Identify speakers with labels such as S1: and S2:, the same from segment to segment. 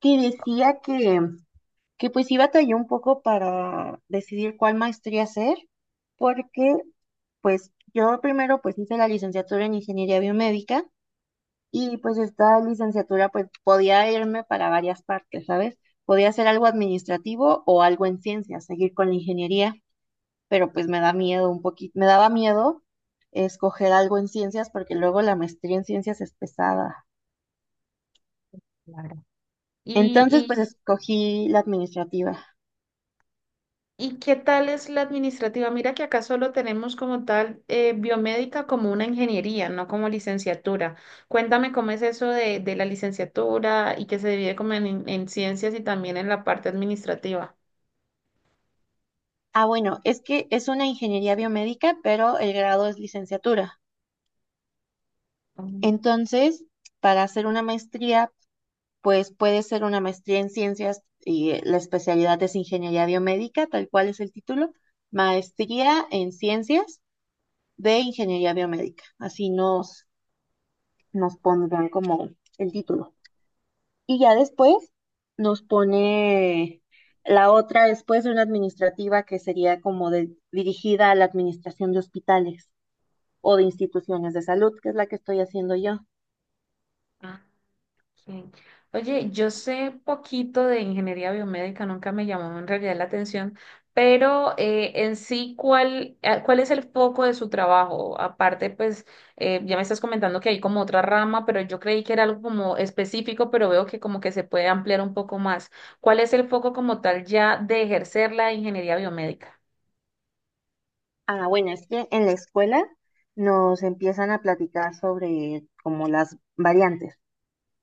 S1: Que decía que pues sí batalló un poco para decidir cuál maestría hacer, porque pues yo primero pues hice la licenciatura en ingeniería biomédica y pues esta licenciatura pues podía irme para varias partes, ¿sabes? Podía hacer algo administrativo o algo en ciencias, seguir con la ingeniería, pero pues me da miedo un poquito, me daba miedo escoger algo en ciencias porque luego la maestría en ciencias es pesada.
S2: Claro.
S1: Entonces
S2: ¿Y,
S1: pues escogí la administrativa.
S2: y qué tal es la administrativa? Mira que acá solo tenemos como tal biomédica como una ingeniería, no como licenciatura. Cuéntame cómo es eso de la licenciatura y que se divide como en ciencias y también en la parte administrativa.
S1: Ah, bueno, es que es una ingeniería biomédica, pero el grado es licenciatura.
S2: Mm.
S1: Entonces, para hacer una maestría, pues puede ser una maestría en ciencias y la especialidad es ingeniería biomédica, tal cual es el título, maestría en ciencias de ingeniería biomédica. Así nos, nos pondrán como el título. Y ya después nos pone la otra, después de una administrativa que sería como dirigida a la administración de hospitales o de instituciones de salud, que es la que estoy haciendo yo.
S2: Sí. Oye, yo sé poquito de ingeniería biomédica, nunca me llamó en realidad la atención, pero en sí, ¿cuál es el foco de su trabajo? Aparte, pues ya me estás comentando que hay como otra rama, pero yo creí que era algo como específico, pero veo que como que se puede ampliar un poco más. ¿Cuál es el foco como tal ya de ejercer la ingeniería biomédica?
S1: Ah, bueno, es que en la escuela nos empiezan a platicar sobre como las variantes.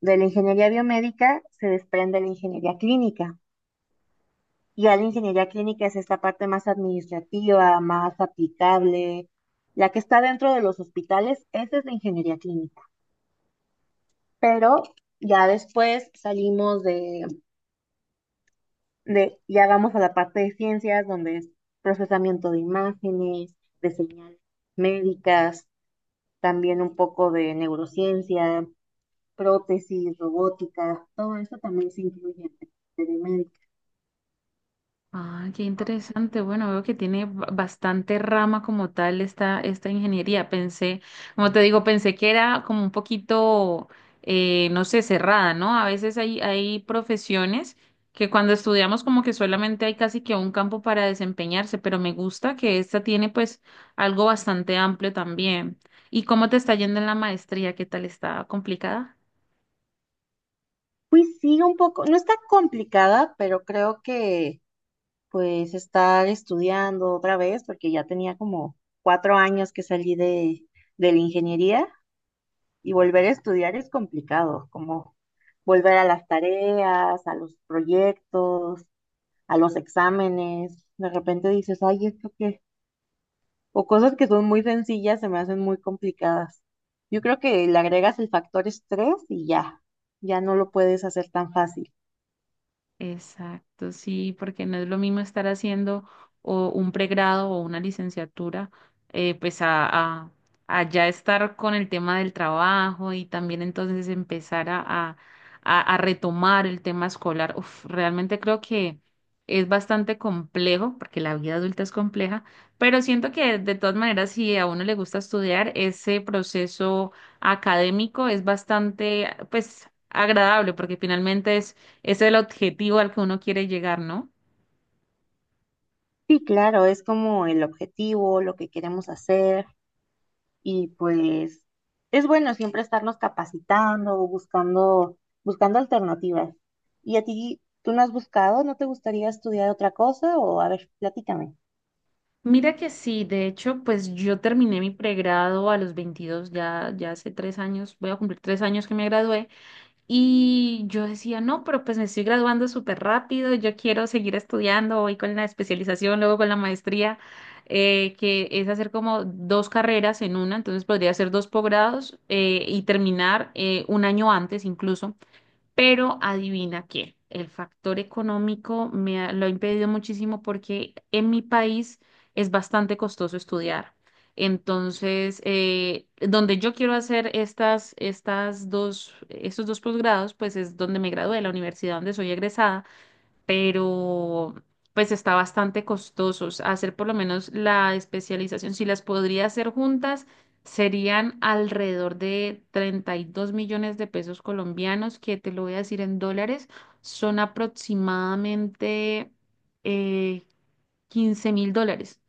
S1: De la ingeniería biomédica se desprende la ingeniería clínica. Y ya la ingeniería clínica es esta parte más administrativa, más aplicable, la que está dentro de los hospitales, esa es la ingeniería clínica. Pero ya después salimos de, ya vamos a la parte de ciencias, donde es procesamiento de imágenes, de señales médicas, también un poco de neurociencia, prótesis, robótica, todo eso también se incluye en telemédica.
S2: Ah, qué interesante. Bueno, veo que tiene bastante rama como tal esta ingeniería. Pensé, como te digo, pensé que era como un poquito, no sé, cerrada, ¿no? A veces hay profesiones que cuando estudiamos como que solamente hay casi que un campo para desempeñarse, pero me gusta que esta tiene pues algo bastante amplio también. ¿Y cómo te está yendo en la maestría? ¿Qué tal está complicada?
S1: Pues sí, un poco, no está complicada, pero creo que pues estar estudiando otra vez, porque ya tenía como 4 años que salí de la ingeniería. Y volver a estudiar es complicado, como volver a las tareas, a los proyectos, a los exámenes. De repente dices, ay, ¿esto qué? O cosas que son muy sencillas se me hacen muy complicadas. Yo creo que le agregas el factor estrés y ya, ya no lo puedes hacer tan fácil.
S2: Exacto, sí, porque no es lo mismo estar haciendo o un pregrado o una licenciatura, pues a, a ya estar con el tema del trabajo y también entonces empezar a retomar el tema escolar. Uf, realmente creo que es bastante complejo, porque la vida adulta es compleja, pero siento que de todas maneras, si a uno le gusta estudiar, ese proceso académico es bastante, pues, agradable, porque finalmente ese es el objetivo al que uno quiere llegar, ¿no?
S1: Sí, claro, es como el objetivo, lo que queremos hacer. Y pues es bueno siempre estarnos capacitando, buscando, buscando alternativas. ¿Y a ti, tú no has buscado? ¿No te gustaría estudiar otra cosa? O a ver, platícame.
S2: Mira que sí, de hecho, pues yo terminé mi pregrado a los 22 ya hace 3 años, voy a cumplir 3 años que me gradué, y yo decía, no, pero pues me estoy graduando súper rápido, yo quiero seguir estudiando, voy con la especialización, luego con la maestría, que es hacer como dos carreras en una, entonces podría hacer dos posgrados y terminar un año antes incluso. Pero adivina qué, el factor económico me lo ha impedido muchísimo porque en mi país es bastante costoso estudiar. Entonces, donde yo quiero hacer estos dos posgrados, pues es donde me gradué, la universidad donde soy egresada pero pues está bastante costosos. Hacer por lo menos la especialización, si las podría hacer juntas, serían alrededor de 32 millones de pesos colombianos, que te lo voy a decir en dólares, son aproximadamente eh, $15,000.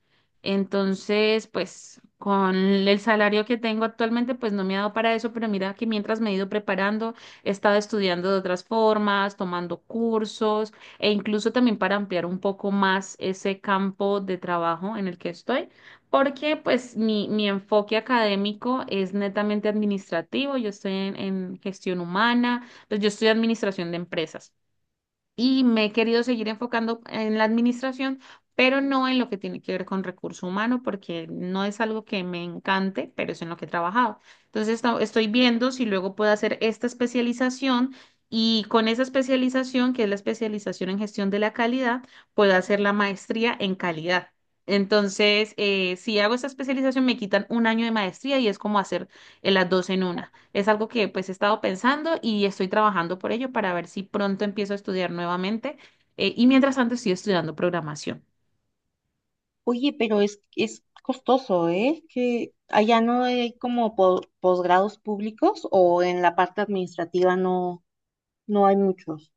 S2: Entonces, pues con el salario que tengo actualmente, pues no me ha dado para eso, pero mira que mientras me he ido preparando, he estado estudiando de otras formas, tomando cursos e incluso también para ampliar un poco más ese campo de trabajo en el que estoy, porque pues mi enfoque académico es netamente administrativo, yo estoy en gestión humana, pues yo estudio administración de empresas y me he querido seguir enfocando en la administración, pero no en lo que tiene que ver con recurso humano, porque no es algo que me encante, pero es en lo que he trabajado. Entonces, estoy viendo si luego puedo hacer esta especialización y con esa especialización, que es la especialización en gestión de la calidad, puedo hacer la maestría en calidad. Entonces, si hago esta especialización, me quitan un año de maestría y es como hacer las dos en una. Es algo que pues he estado pensando y estoy trabajando por ello para ver si pronto empiezo a estudiar nuevamente. Y mientras tanto estoy estudiando programación.
S1: Oye, pero es costoso, ¿eh? Que allá no hay como posgrados públicos o en la parte administrativa no, no hay muchos.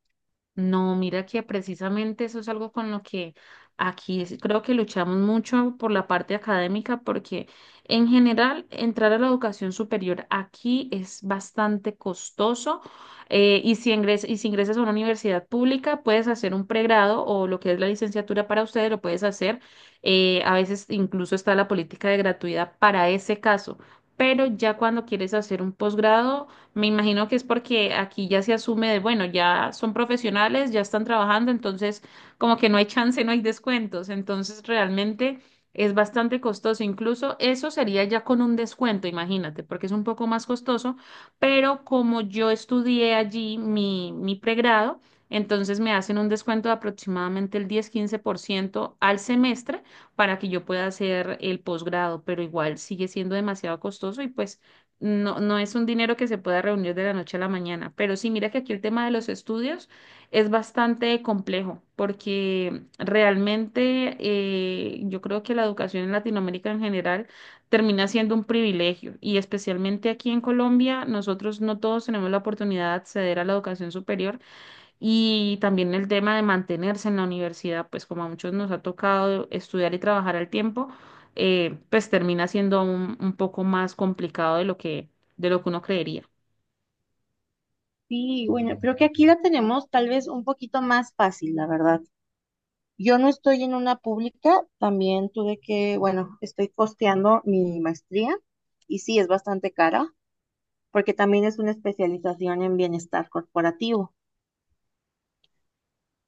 S2: No, mira que precisamente eso es algo con lo que aquí creo que luchamos mucho por la parte académica, porque en general entrar a la educación superior aquí es bastante costoso y si ingresas a una universidad pública puedes hacer un pregrado o lo que es la licenciatura para ustedes lo puedes hacer. A veces incluso está la política de gratuidad para ese caso, pero ya cuando quieres hacer un posgrado me imagino que es porque aquí ya se asume de, bueno, ya son profesionales, ya están trabajando, entonces como que no hay chance, no hay descuentos, entonces realmente es bastante costoso. Incluso eso sería ya con un descuento, imagínate, porque es un poco más costoso, pero como yo estudié allí mi pregrado, entonces me hacen un descuento de aproximadamente el diez quince por ciento al semestre para que yo pueda hacer el posgrado, pero igual sigue siendo demasiado costoso y pues... No, no es un dinero que se pueda reunir de la noche a la mañana, pero sí, mira que aquí el tema de los estudios es bastante complejo, porque realmente yo creo que la educación en Latinoamérica en general termina siendo un privilegio y especialmente aquí en Colombia, nosotros no todos tenemos la oportunidad de acceder a la educación superior y también el tema de mantenerse en la universidad, pues como a muchos nos ha tocado estudiar y trabajar al tiempo, pues termina siendo un poco más complicado de lo que uno creería.
S1: Sí, bueno, creo que aquí la tenemos tal vez un poquito más fácil, la verdad. Yo no estoy en una pública, también tuve que, bueno, estoy costeando mi maestría y sí, es bastante cara porque también es una especialización en bienestar corporativo,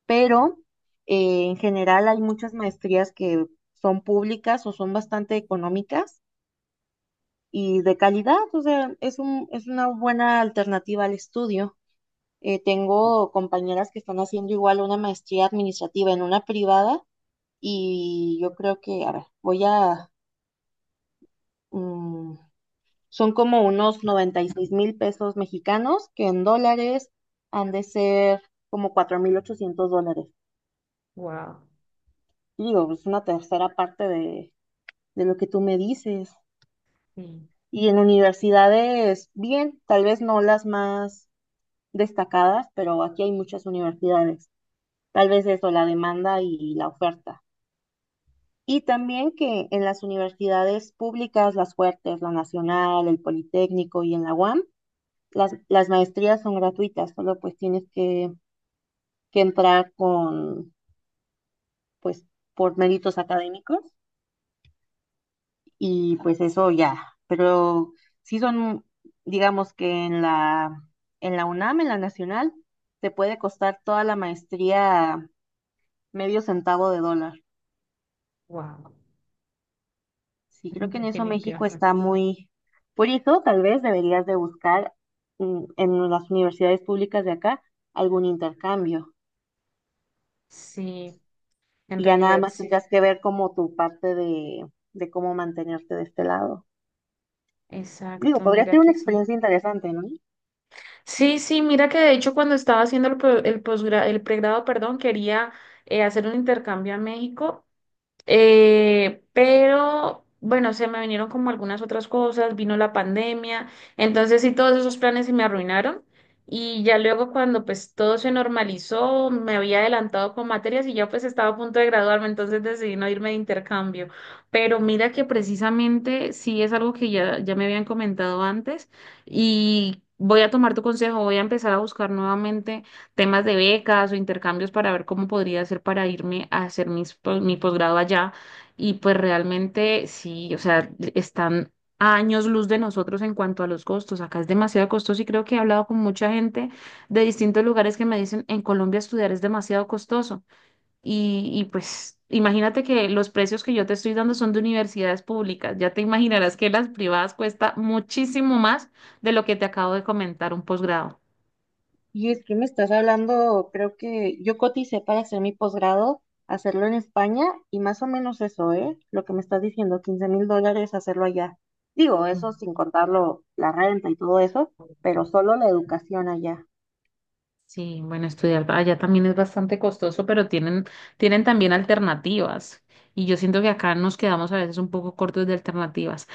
S1: pero en general hay muchas maestrías que son públicas o son bastante económicas y de calidad, o sea, es una buena alternativa al estudio. Tengo compañeras que están haciendo igual una maestría administrativa en una privada y yo creo que, a ver, voy a mm, son como unos 96,000 pesos mexicanos, que en dólares han de ser como 4,800 dólares.
S2: Wow,
S1: Y digo, es una tercera parte de lo que tú me dices.
S2: sí,
S1: Y en universidades, bien, tal vez no las más destacadas, pero aquí hay muchas universidades. Tal vez eso, la demanda y la oferta. Y también que en las universidades públicas, las fuertes, la Nacional, el Politécnico y en la UAM, las maestrías son gratuitas, solo pues tienes que entrar con, pues, por méritos académicos y pues eso ya. Pero sí son, digamos que en la UNAM, en la Nacional, te puede costar toda la maestría medio centavo de dólar.
S2: wow,
S1: Sí, creo que en eso México está
S2: definitivamente.
S1: muy... Por eso tal vez deberías de buscar en las universidades públicas de acá algún intercambio.
S2: Sí, en
S1: Y ya nada
S2: realidad
S1: más
S2: sí,
S1: tendrías que ver como tu parte de cómo mantenerte de este lado. Digo,
S2: exacto,
S1: podría
S2: mira
S1: ser
S2: que
S1: una
S2: sí.
S1: experiencia interesante, ¿no?
S2: Sí, sí, mira que de hecho cuando estaba haciendo el, pro- el posgra- el pregrado, perdón, quería hacer un intercambio a México. Pero bueno, se me vinieron como algunas otras cosas, vino la pandemia, entonces sí, todos esos planes se me arruinaron y ya luego cuando pues todo se normalizó, me había adelantado con materias y ya pues estaba a punto de graduarme, entonces decidí no irme de intercambio. Pero mira que precisamente sí es algo que ya me habían comentado antes y voy a tomar tu consejo, voy a empezar a buscar nuevamente temas de becas o intercambios para ver cómo podría hacer para irme a hacer mis mi posgrado allá. Y pues realmente sí, o sea, están a años luz de nosotros en cuanto a los costos. Acá es demasiado costoso y creo que he hablado con mucha gente de distintos lugares que me dicen, en Colombia estudiar es demasiado costoso. Y pues imagínate que los precios que yo te estoy dando son de universidades públicas. Ya te imaginarás que las privadas cuesta muchísimo más de lo que te acabo de comentar, un posgrado.
S1: Y es que me estás hablando, creo que yo coticé para hacer mi posgrado, hacerlo en España y más o menos eso, ¿eh? Lo que me estás diciendo, 15,000 dólares hacerlo allá. Digo,
S2: Mm.
S1: eso sin contarlo, la renta y todo eso, pero solo la educación allá.
S2: Sí, bueno, estudiar allá también es bastante costoso, pero tienen, tienen también alternativas. Y yo siento que acá nos quedamos a veces un poco cortos de alternativas.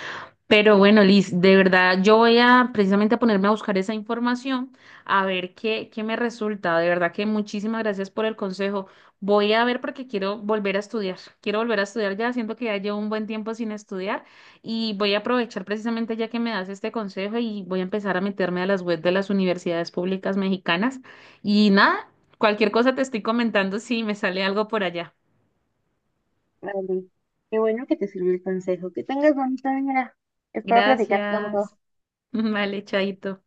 S2: Pero bueno, Liz, de verdad, yo voy a precisamente a ponerme a buscar esa información, a ver qué me resulta. De verdad que muchísimas gracias por el consejo. Voy a ver porque quiero volver a estudiar. Quiero volver a estudiar ya, siento que ya llevo un buen tiempo sin estudiar y voy a aprovechar precisamente ya que me das este consejo y voy a empezar a meterme a las webs de las universidades públicas mexicanas. Y nada, cualquier cosa te estoy comentando si me sale algo por allá.
S1: Vale. Qué bueno que te sirvió el consejo. Que tengas bonita mañana. Espero platicar pronto.
S2: Gracias. Vale, chaito.